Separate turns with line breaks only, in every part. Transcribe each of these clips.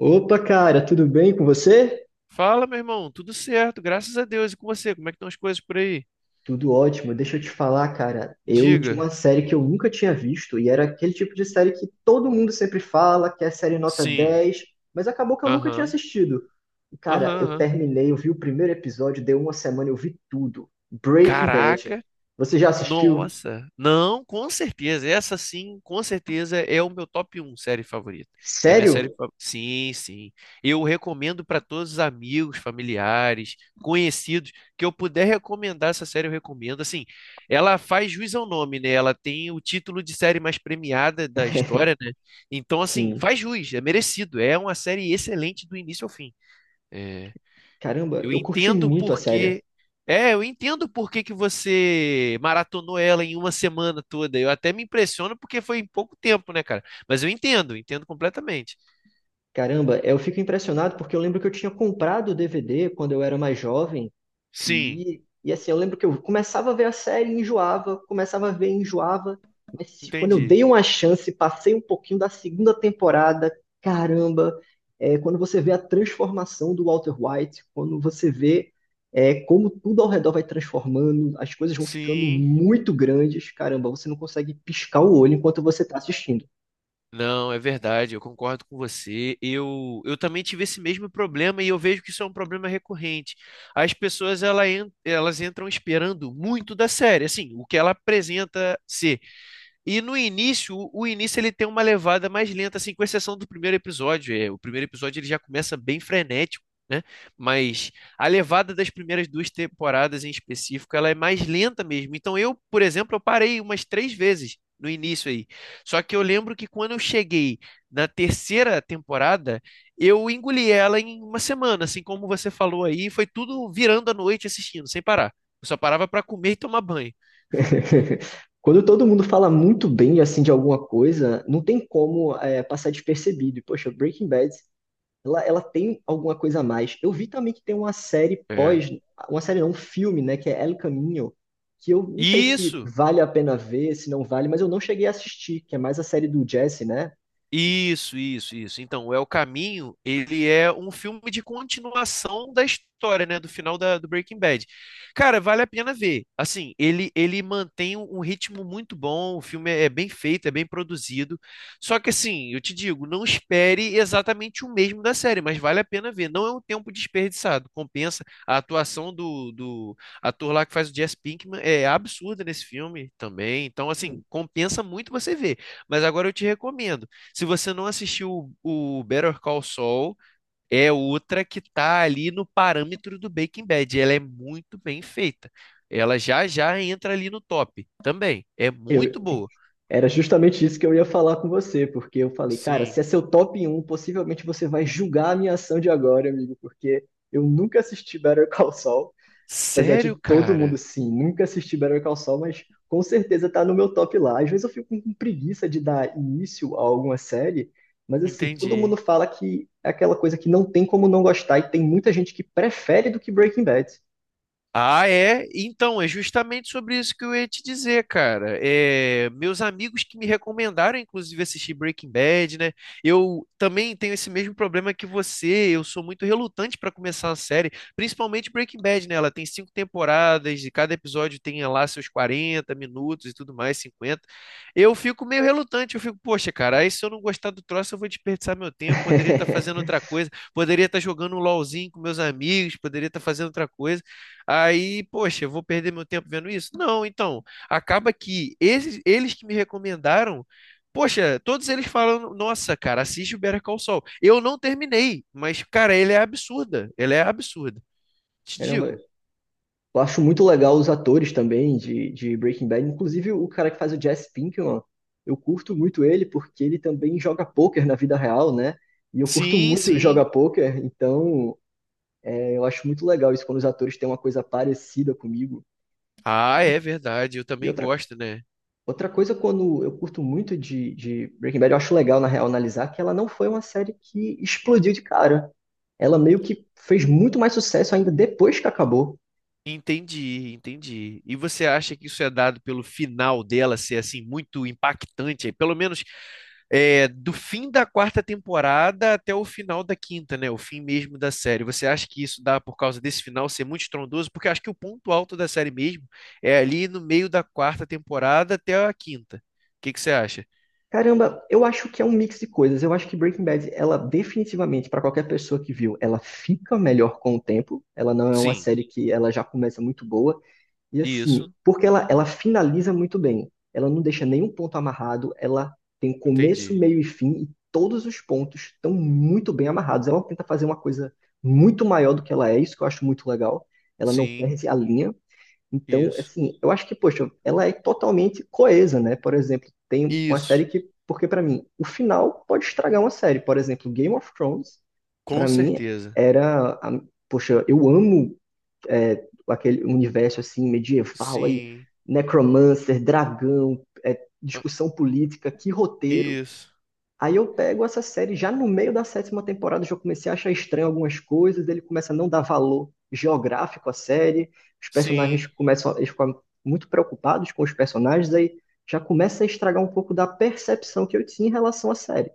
Opa, cara, tudo bem com você?
Fala, meu irmão, tudo certo, graças a Deus. E com você, como é que estão as coisas por aí?
Tudo ótimo. Deixa eu te falar, cara. Eu tinha
Diga.
uma série que eu nunca tinha visto e era aquele tipo de série que todo mundo sempre fala, que é série nota
Sim.
dez, mas acabou que eu nunca tinha
Aham.
assistido. E, cara,
Aham,
eu
aham.
terminei, eu vi o primeiro episódio, deu uma semana, eu vi tudo. Breaking Bad.
Caraca.
Você já assistiu?
Nossa, não, com certeza. Essa sim, com certeza é o meu top um série favorita. É minha série
Sério?
favorita. Sim, sim. Eu recomendo para todos os amigos, familiares, conhecidos que eu puder recomendar essa série, eu recomendo. Assim, ela faz jus ao nome, né? Ela tem o título de série mais premiada da história, né? Então, assim,
Sim.
faz jus, é merecido. É uma série excelente do início ao fim. É.
Caramba,
Eu
eu curti
entendo
muito a série.
porque. É, eu entendo por que que você maratonou ela em uma semana toda. Eu até me impressiono porque foi em pouco tempo, né, cara? Mas eu entendo, entendo completamente.
Caramba, eu fico impressionado porque eu lembro que eu tinha comprado o DVD quando eu era mais jovem.
Sim,
E assim, eu lembro que eu começava a ver a série, e enjoava, começava a ver, e enjoava. Mas quando eu
entendi.
dei uma chance, passei um pouquinho da segunda temporada, caramba, quando você vê a transformação do Walter White, quando você vê como tudo ao redor vai transformando, as coisas vão ficando
Sim.
muito grandes, caramba, você não consegue piscar o olho enquanto você está assistindo.
Não, é verdade, eu concordo com você. Eu também tive esse mesmo problema e eu vejo que isso é um problema recorrente. As pessoas elas entram esperando muito da série, assim, o que ela apresenta ser. E no início, o início ele tem uma levada mais lenta, assim, com exceção do primeiro episódio. É, o primeiro episódio ele já começa bem frenético, né? Mas a levada das primeiras duas temporadas em específico, ela é mais lenta mesmo. Então eu, por exemplo, eu parei umas três vezes no início aí. Só que eu lembro que quando eu cheguei na terceira temporada, eu engoli ela em uma semana, assim como você falou aí, foi tudo virando à noite assistindo, sem parar. Eu só parava para comer e tomar banho.
Quando todo mundo fala muito bem assim de alguma coisa, não tem como passar despercebido. E, poxa, Breaking Bad. Ela tem alguma coisa a mais. Eu vi também que tem uma série
É.
pós, uma série não, um filme, né, que é El Caminho, que eu não sei se
Isso.
vale a pena ver, se não vale, mas eu não cheguei a assistir, que é mais a série do Jesse, né?
Isso, isso, isso. Então, é o Caminho, ele é um filme de continuação da história, né, do final do Breaking Bad. Cara, vale a pena ver. Assim, ele mantém um ritmo muito bom, o filme é bem feito, é bem produzido. Só que assim, eu te digo, não espere exatamente o mesmo da série, mas vale a pena ver. Não é um tempo desperdiçado, compensa. A atuação do ator lá que faz o Jesse Pinkman é absurda nesse filme também. Então, assim, compensa muito você ver. Mas agora eu te recomendo se você não assistiu o Better Call Saul, é outra que tá ali no parâmetro do Breaking Bad. Ela é muito bem feita. Ela já entra ali no top também. É
Eu,
muito boa.
era justamente isso que eu ia falar com você, porque eu falei, cara,
Sim.
se é seu top um possivelmente você vai julgar a minha ação de agora, amigo, porque eu nunca assisti Better Call Saul. Apesar
Sério,
de todo mundo,
cara?
sim, nunca assisti Better Call Saul, mas com certeza tá no meu top lá. Às vezes eu fico com preguiça de dar início a alguma série, mas assim, todo mundo
Entendi.
fala que é aquela coisa que não tem como não gostar e tem muita gente que prefere do que Breaking Bad.
Ah, é? Então, é justamente sobre isso que eu ia te dizer, cara. É, meus amigos que me recomendaram, inclusive, assistir Breaking Bad, né? Eu também tenho esse mesmo problema que você. Eu sou muito relutante para começar a série, principalmente Breaking Bad, né? Ela tem cinco temporadas e cada episódio tem lá seus 40 minutos e tudo mais, 50. Eu fico meio relutante. Eu fico, poxa, cara, aí se eu não gostar do troço, eu vou desperdiçar meu tempo. Poderia estar fazendo outra coisa, poderia estar jogando um LOLzinho com meus amigos, poderia estar fazendo outra coisa. Aí, poxa, eu vou perder meu tempo vendo isso? Não, então, acaba que esses, eles que me recomendaram, poxa, todos eles falam, nossa, cara, assiste o Better Call Saul. Eu não terminei, mas, cara, ele é absurda, ele é absurda. Te
Caramba,
digo.
eu acho muito legal os atores também de Breaking Bad, inclusive o cara que faz o Jesse Pinkman, eu curto muito ele porque ele também joga poker na vida real, né? E eu curto
Sim,
muito
sim.
jogar poker. Então, eu acho muito legal isso quando os atores têm uma coisa parecida comigo.
Ah, é verdade, eu
E
também
outra,
gosto, né?
outra coisa, quando eu curto muito de Breaking Bad, eu acho legal, na real, analisar que ela não foi uma série que explodiu de cara. Ela meio que fez muito mais sucesso ainda depois que acabou.
Entendi, entendi. E você acha que isso é dado pelo final dela ser assim muito impactante, pelo menos é, do fim da quarta temporada até o final da quinta, né? O fim mesmo da série. Você acha que isso dá por causa desse final ser muito estrondoso? Porque eu acho que o ponto alto da série mesmo é ali no meio da quarta temporada até a quinta. O que que você acha?
Caramba, eu acho que é um mix de coisas. Eu acho que Breaking Bad, ela definitivamente, para qualquer pessoa que viu, ela fica melhor com o tempo. Ela não é uma
Sim,
série que ela já começa muito boa. E assim,
isso,
porque ela finaliza muito bem. Ela não deixa nenhum ponto amarrado, ela tem começo,
entendi.
meio e fim, e todos os pontos estão muito bem amarrados. Ela tenta fazer uma coisa muito maior do que ela é, isso que eu acho muito legal. Ela não
Sim,
perde a linha. Então,
isso.
assim, eu acho que, poxa, ela é totalmente coesa, né? Por exemplo, tem uma série
Isso,
que, porque pra mim, o final pode estragar uma série. Por exemplo, Game of Thrones,
com
pra mim,
certeza.
era, a- poxa, eu amo aquele universo assim medieval aí,
Sim,
necromancer, dragão,
ah,
discussão política, que roteiro.
isso.
Aí eu pego essa série já no meio da sétima temporada, já comecei a achar estranho algumas coisas, ele começa a não dar valor geográfico à série, os personagens
Sim.
começam, eles ficam muito preocupados com os personagens, aí já começa a estragar um pouco da percepção que eu tinha em relação à série.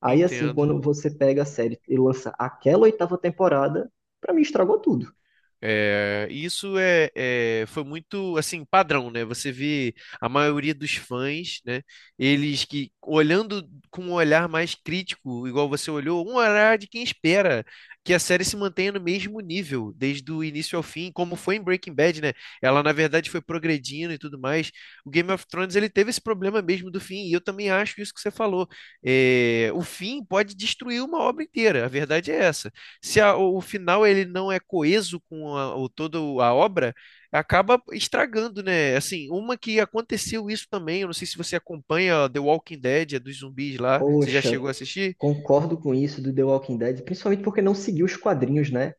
Aí assim,
Entendo.
quando você pega a série e lança aquela oitava temporada, pra mim estragou tudo.
É, isso é, foi muito assim padrão, né? Você vê a maioria dos fãs, né? Eles que olhando com um olhar mais crítico, igual você olhou, um olhar de quem espera que a série se mantenha no mesmo nível desde o início ao fim, como foi em Breaking Bad, né? Ela na verdade foi progredindo e tudo mais. O Game of Thrones ele teve esse problema mesmo do fim, e eu também acho isso que você falou. É, o fim pode destruir uma obra inteira. A verdade é essa. Se o final ele não é coeso com toda a obra, acaba estragando, né? Assim, uma que aconteceu isso também, eu não sei se você acompanha The Walking Dead, é dos zumbis lá, você já
Poxa,
chegou a assistir?
concordo com isso do The Walking Dead, principalmente porque não seguiu os quadrinhos, né?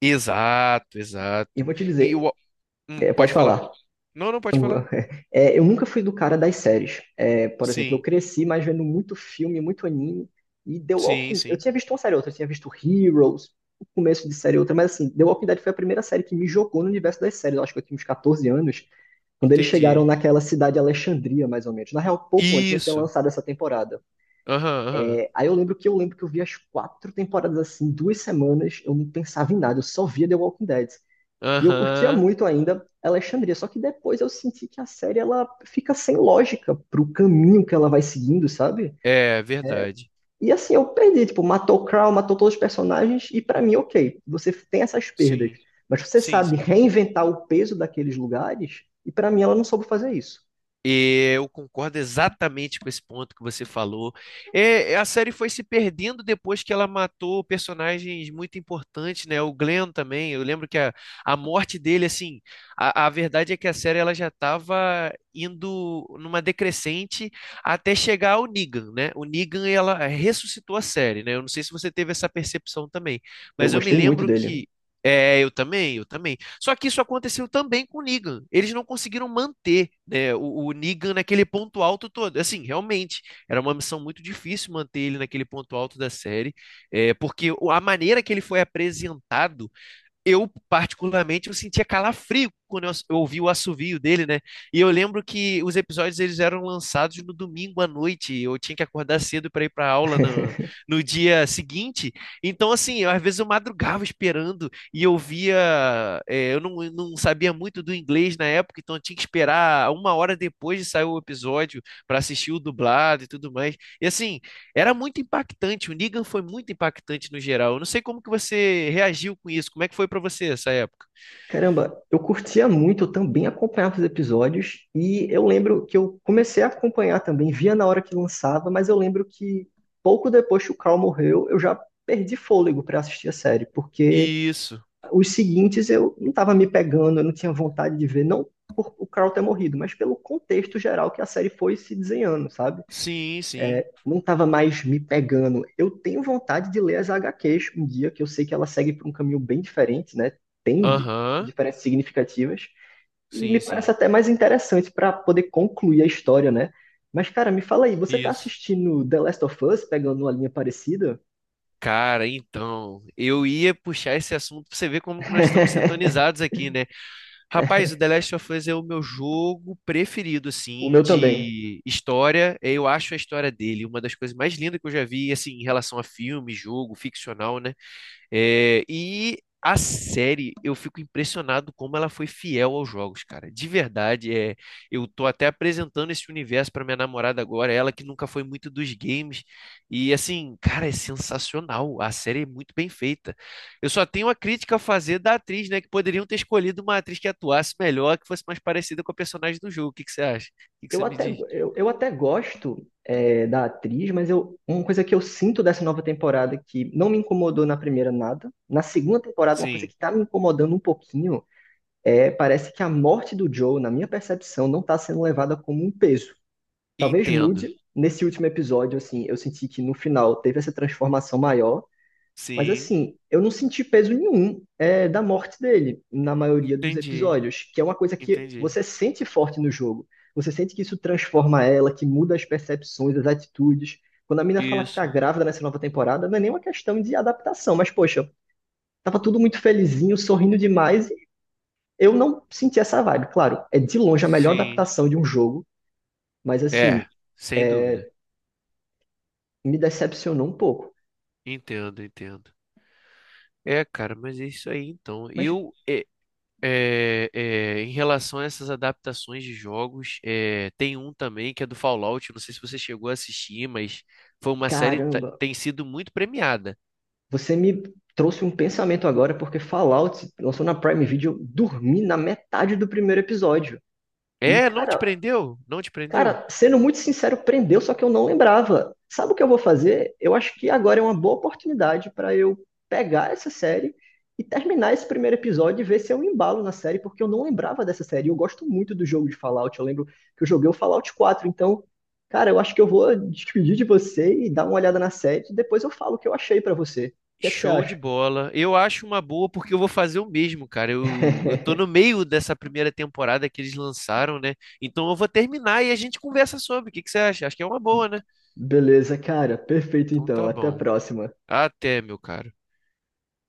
Exato,
E
exato.
vou te
E
dizer,
o,
pode
pode falar.
falar.
Não, não pode
Eu-
falar.
eu nunca fui do cara das séries. É, por exemplo, eu
Sim,
cresci mais vendo muito filme, muito anime,
sim,
Eu
sim.
tinha visto uma série ou outra, eu tinha visto Heroes, o começo de série ou outra, mas assim, The Walking Dead foi a primeira série que me jogou no universo das séries. Eu acho que eu tinha uns 14 anos, quando eles
Entendi.
chegaram naquela cidade de Alexandria, mais ou menos. Na real, pouco antes, não tinha
Isso.
lançado essa temporada.
Aham, aham.
Aí eu lembro que eu vi as quatro temporadas assim, 2 semanas, eu não pensava em nada, eu só via The Walking Dead. E eu curtia
Aham.
muito ainda Alexandria, só que depois eu senti que a série ela fica sem lógica pro caminho que ela vai seguindo, sabe?
É verdade.
E assim, eu perdi, tipo, matou o Crow, matou todos os personagens, e pra mim, ok, você tem essas perdas,
Sim,
mas você
sim,
sabe
sim.
reinventar o peso daqueles lugares, e pra mim ela não soube fazer isso.
E eu concordo exatamente com esse ponto que você falou. É, é, a série foi se perdendo depois que ela matou personagens muito importantes, né? O Glenn também. Eu lembro que a morte dele, assim, a verdade é que a série ela já estava indo numa decrescente até chegar ao Negan, né? O Negan ela ressuscitou a série, né? Eu não sei se você teve essa percepção também,
Eu
mas eu me
gostei muito
lembro
dele.
que é, eu também, eu também. Só que isso aconteceu também com o Negan. Eles não conseguiram manter, né, o Negan naquele ponto alto todo. Assim, realmente, era uma missão muito difícil manter ele naquele ponto alto da série, é, porque a maneira que ele foi apresentado eu, particularmente, eu sentia calafrio quando eu ouvi o assovio dele, né? E eu lembro que os episódios eles eram lançados no domingo à noite. Eu tinha que acordar cedo para ir para aula no, no dia seguinte. Então, assim, eu, às vezes eu madrugava esperando e eu via. É, eu não sabia muito do inglês na época, então eu tinha que esperar uma hora depois de sair o episódio para assistir o dublado e tudo mais. E assim. Era muito impactante, o Negan foi muito impactante no geral. Eu não sei como que você reagiu com isso, como é que foi pra você essa época?
Caramba, eu curtia muito, eu também acompanhava os episódios, e eu lembro que eu comecei a acompanhar também, via na hora que lançava, mas eu lembro que pouco depois que o Carl morreu, eu já perdi fôlego para assistir a série, porque
Isso.
os seguintes eu não estava me pegando, eu não tinha vontade de ver, não por o Carl ter morrido, mas pelo contexto geral que a série foi se desenhando, sabe?
Sim, sim.
Não estava mais me pegando. Eu tenho vontade de ler as HQs um dia, que eu sei que ela segue por um caminho bem diferente, né? Tem
Aham.
diferenças significativas, e me
Sim, sim.
parece até mais interessante para poder concluir a história, né? Mas, cara, me fala aí, você tá
Isso.
assistindo The Last of Us, pegando uma linha parecida?
Cara, então, eu ia puxar esse assunto pra você ver como que nós estamos sintonizados aqui, né? Rapaz, o The Last of Us é o meu jogo preferido,
O
assim,
meu também.
de história. Eu acho a história dele uma das coisas mais lindas que eu já vi, assim, em relação a filme, jogo, ficcional, né? É, e a série, eu fico impressionado como ela foi fiel aos jogos, cara. De verdade, é, eu tô até apresentando esse universo para minha namorada agora, ela que nunca foi muito dos games. E assim, cara, é sensacional. A série é muito bem feita. Eu só tenho uma crítica a fazer da atriz, né? Que poderiam ter escolhido uma atriz que atuasse melhor, que fosse mais parecida com a personagem do jogo. O que que você acha? O que que
Eu
você me
até,
diz?
eu, eu até gosto da atriz, mas uma coisa que eu sinto dessa nova temporada que não me incomodou na primeira nada, na segunda temporada, uma coisa
Sim,
que tá me incomodando um pouquinho parece que a morte do Joe, na minha percepção, não tá sendo levada como um peso. Talvez
entendo.
mude nesse último episódio, assim, eu senti que no final teve essa transformação maior, mas
Sim,
assim, eu não senti peso nenhum da morte dele na maioria dos
entendi.
episódios, que é uma coisa que
Entendi.
você sente forte no jogo. Você sente que isso transforma ela, que muda as percepções, as atitudes. Quando a mina fala que
Isso.
tá grávida nessa nova temporada, não é nenhuma questão de adaptação, mas poxa, tava tudo muito felizinho, sorrindo demais, e eu não senti essa vibe. Claro, é de longe a melhor
Sim.
adaptação de um jogo, mas assim,
É, sem dúvida.
me decepcionou um pouco.
Entendo, entendo. É, cara, mas é isso aí então.
Mas,
Eu, é, é, é, em relação a essas adaptações de jogos, é, tem um também que é do Fallout. Não sei se você chegou a assistir, mas foi uma série que
caramba,
tem sido muito premiada.
você me trouxe um pensamento agora, porque Fallout se lançou na Prime Video, eu dormi na metade do primeiro episódio. E,
É, não te
cara,
prendeu? Não te prendeu?
Cara, sendo muito sincero, prendeu, só que eu não lembrava. Sabe o que eu vou fazer? Eu acho que agora é uma boa oportunidade para eu pegar essa série e terminar esse primeiro episódio e ver se eu embalo na série, porque eu não lembrava dessa série. Eu gosto muito do jogo de Fallout, eu lembro que eu joguei o Fallout 4. Então, cara, eu acho que eu vou despedir de você e dar uma olhada na série, e depois eu falo o que eu achei para você. O que é que você
Show de
acha?
bola. Eu acho uma boa porque eu vou fazer o mesmo, cara. Eu tô no meio dessa primeira temporada que eles lançaram, né? Então eu vou terminar e a gente conversa sobre. O que que você acha? Acho que é uma boa, né?
Beleza, cara, perfeito
Então
então.
tá
Até a
bom.
próxima.
Até, meu caro.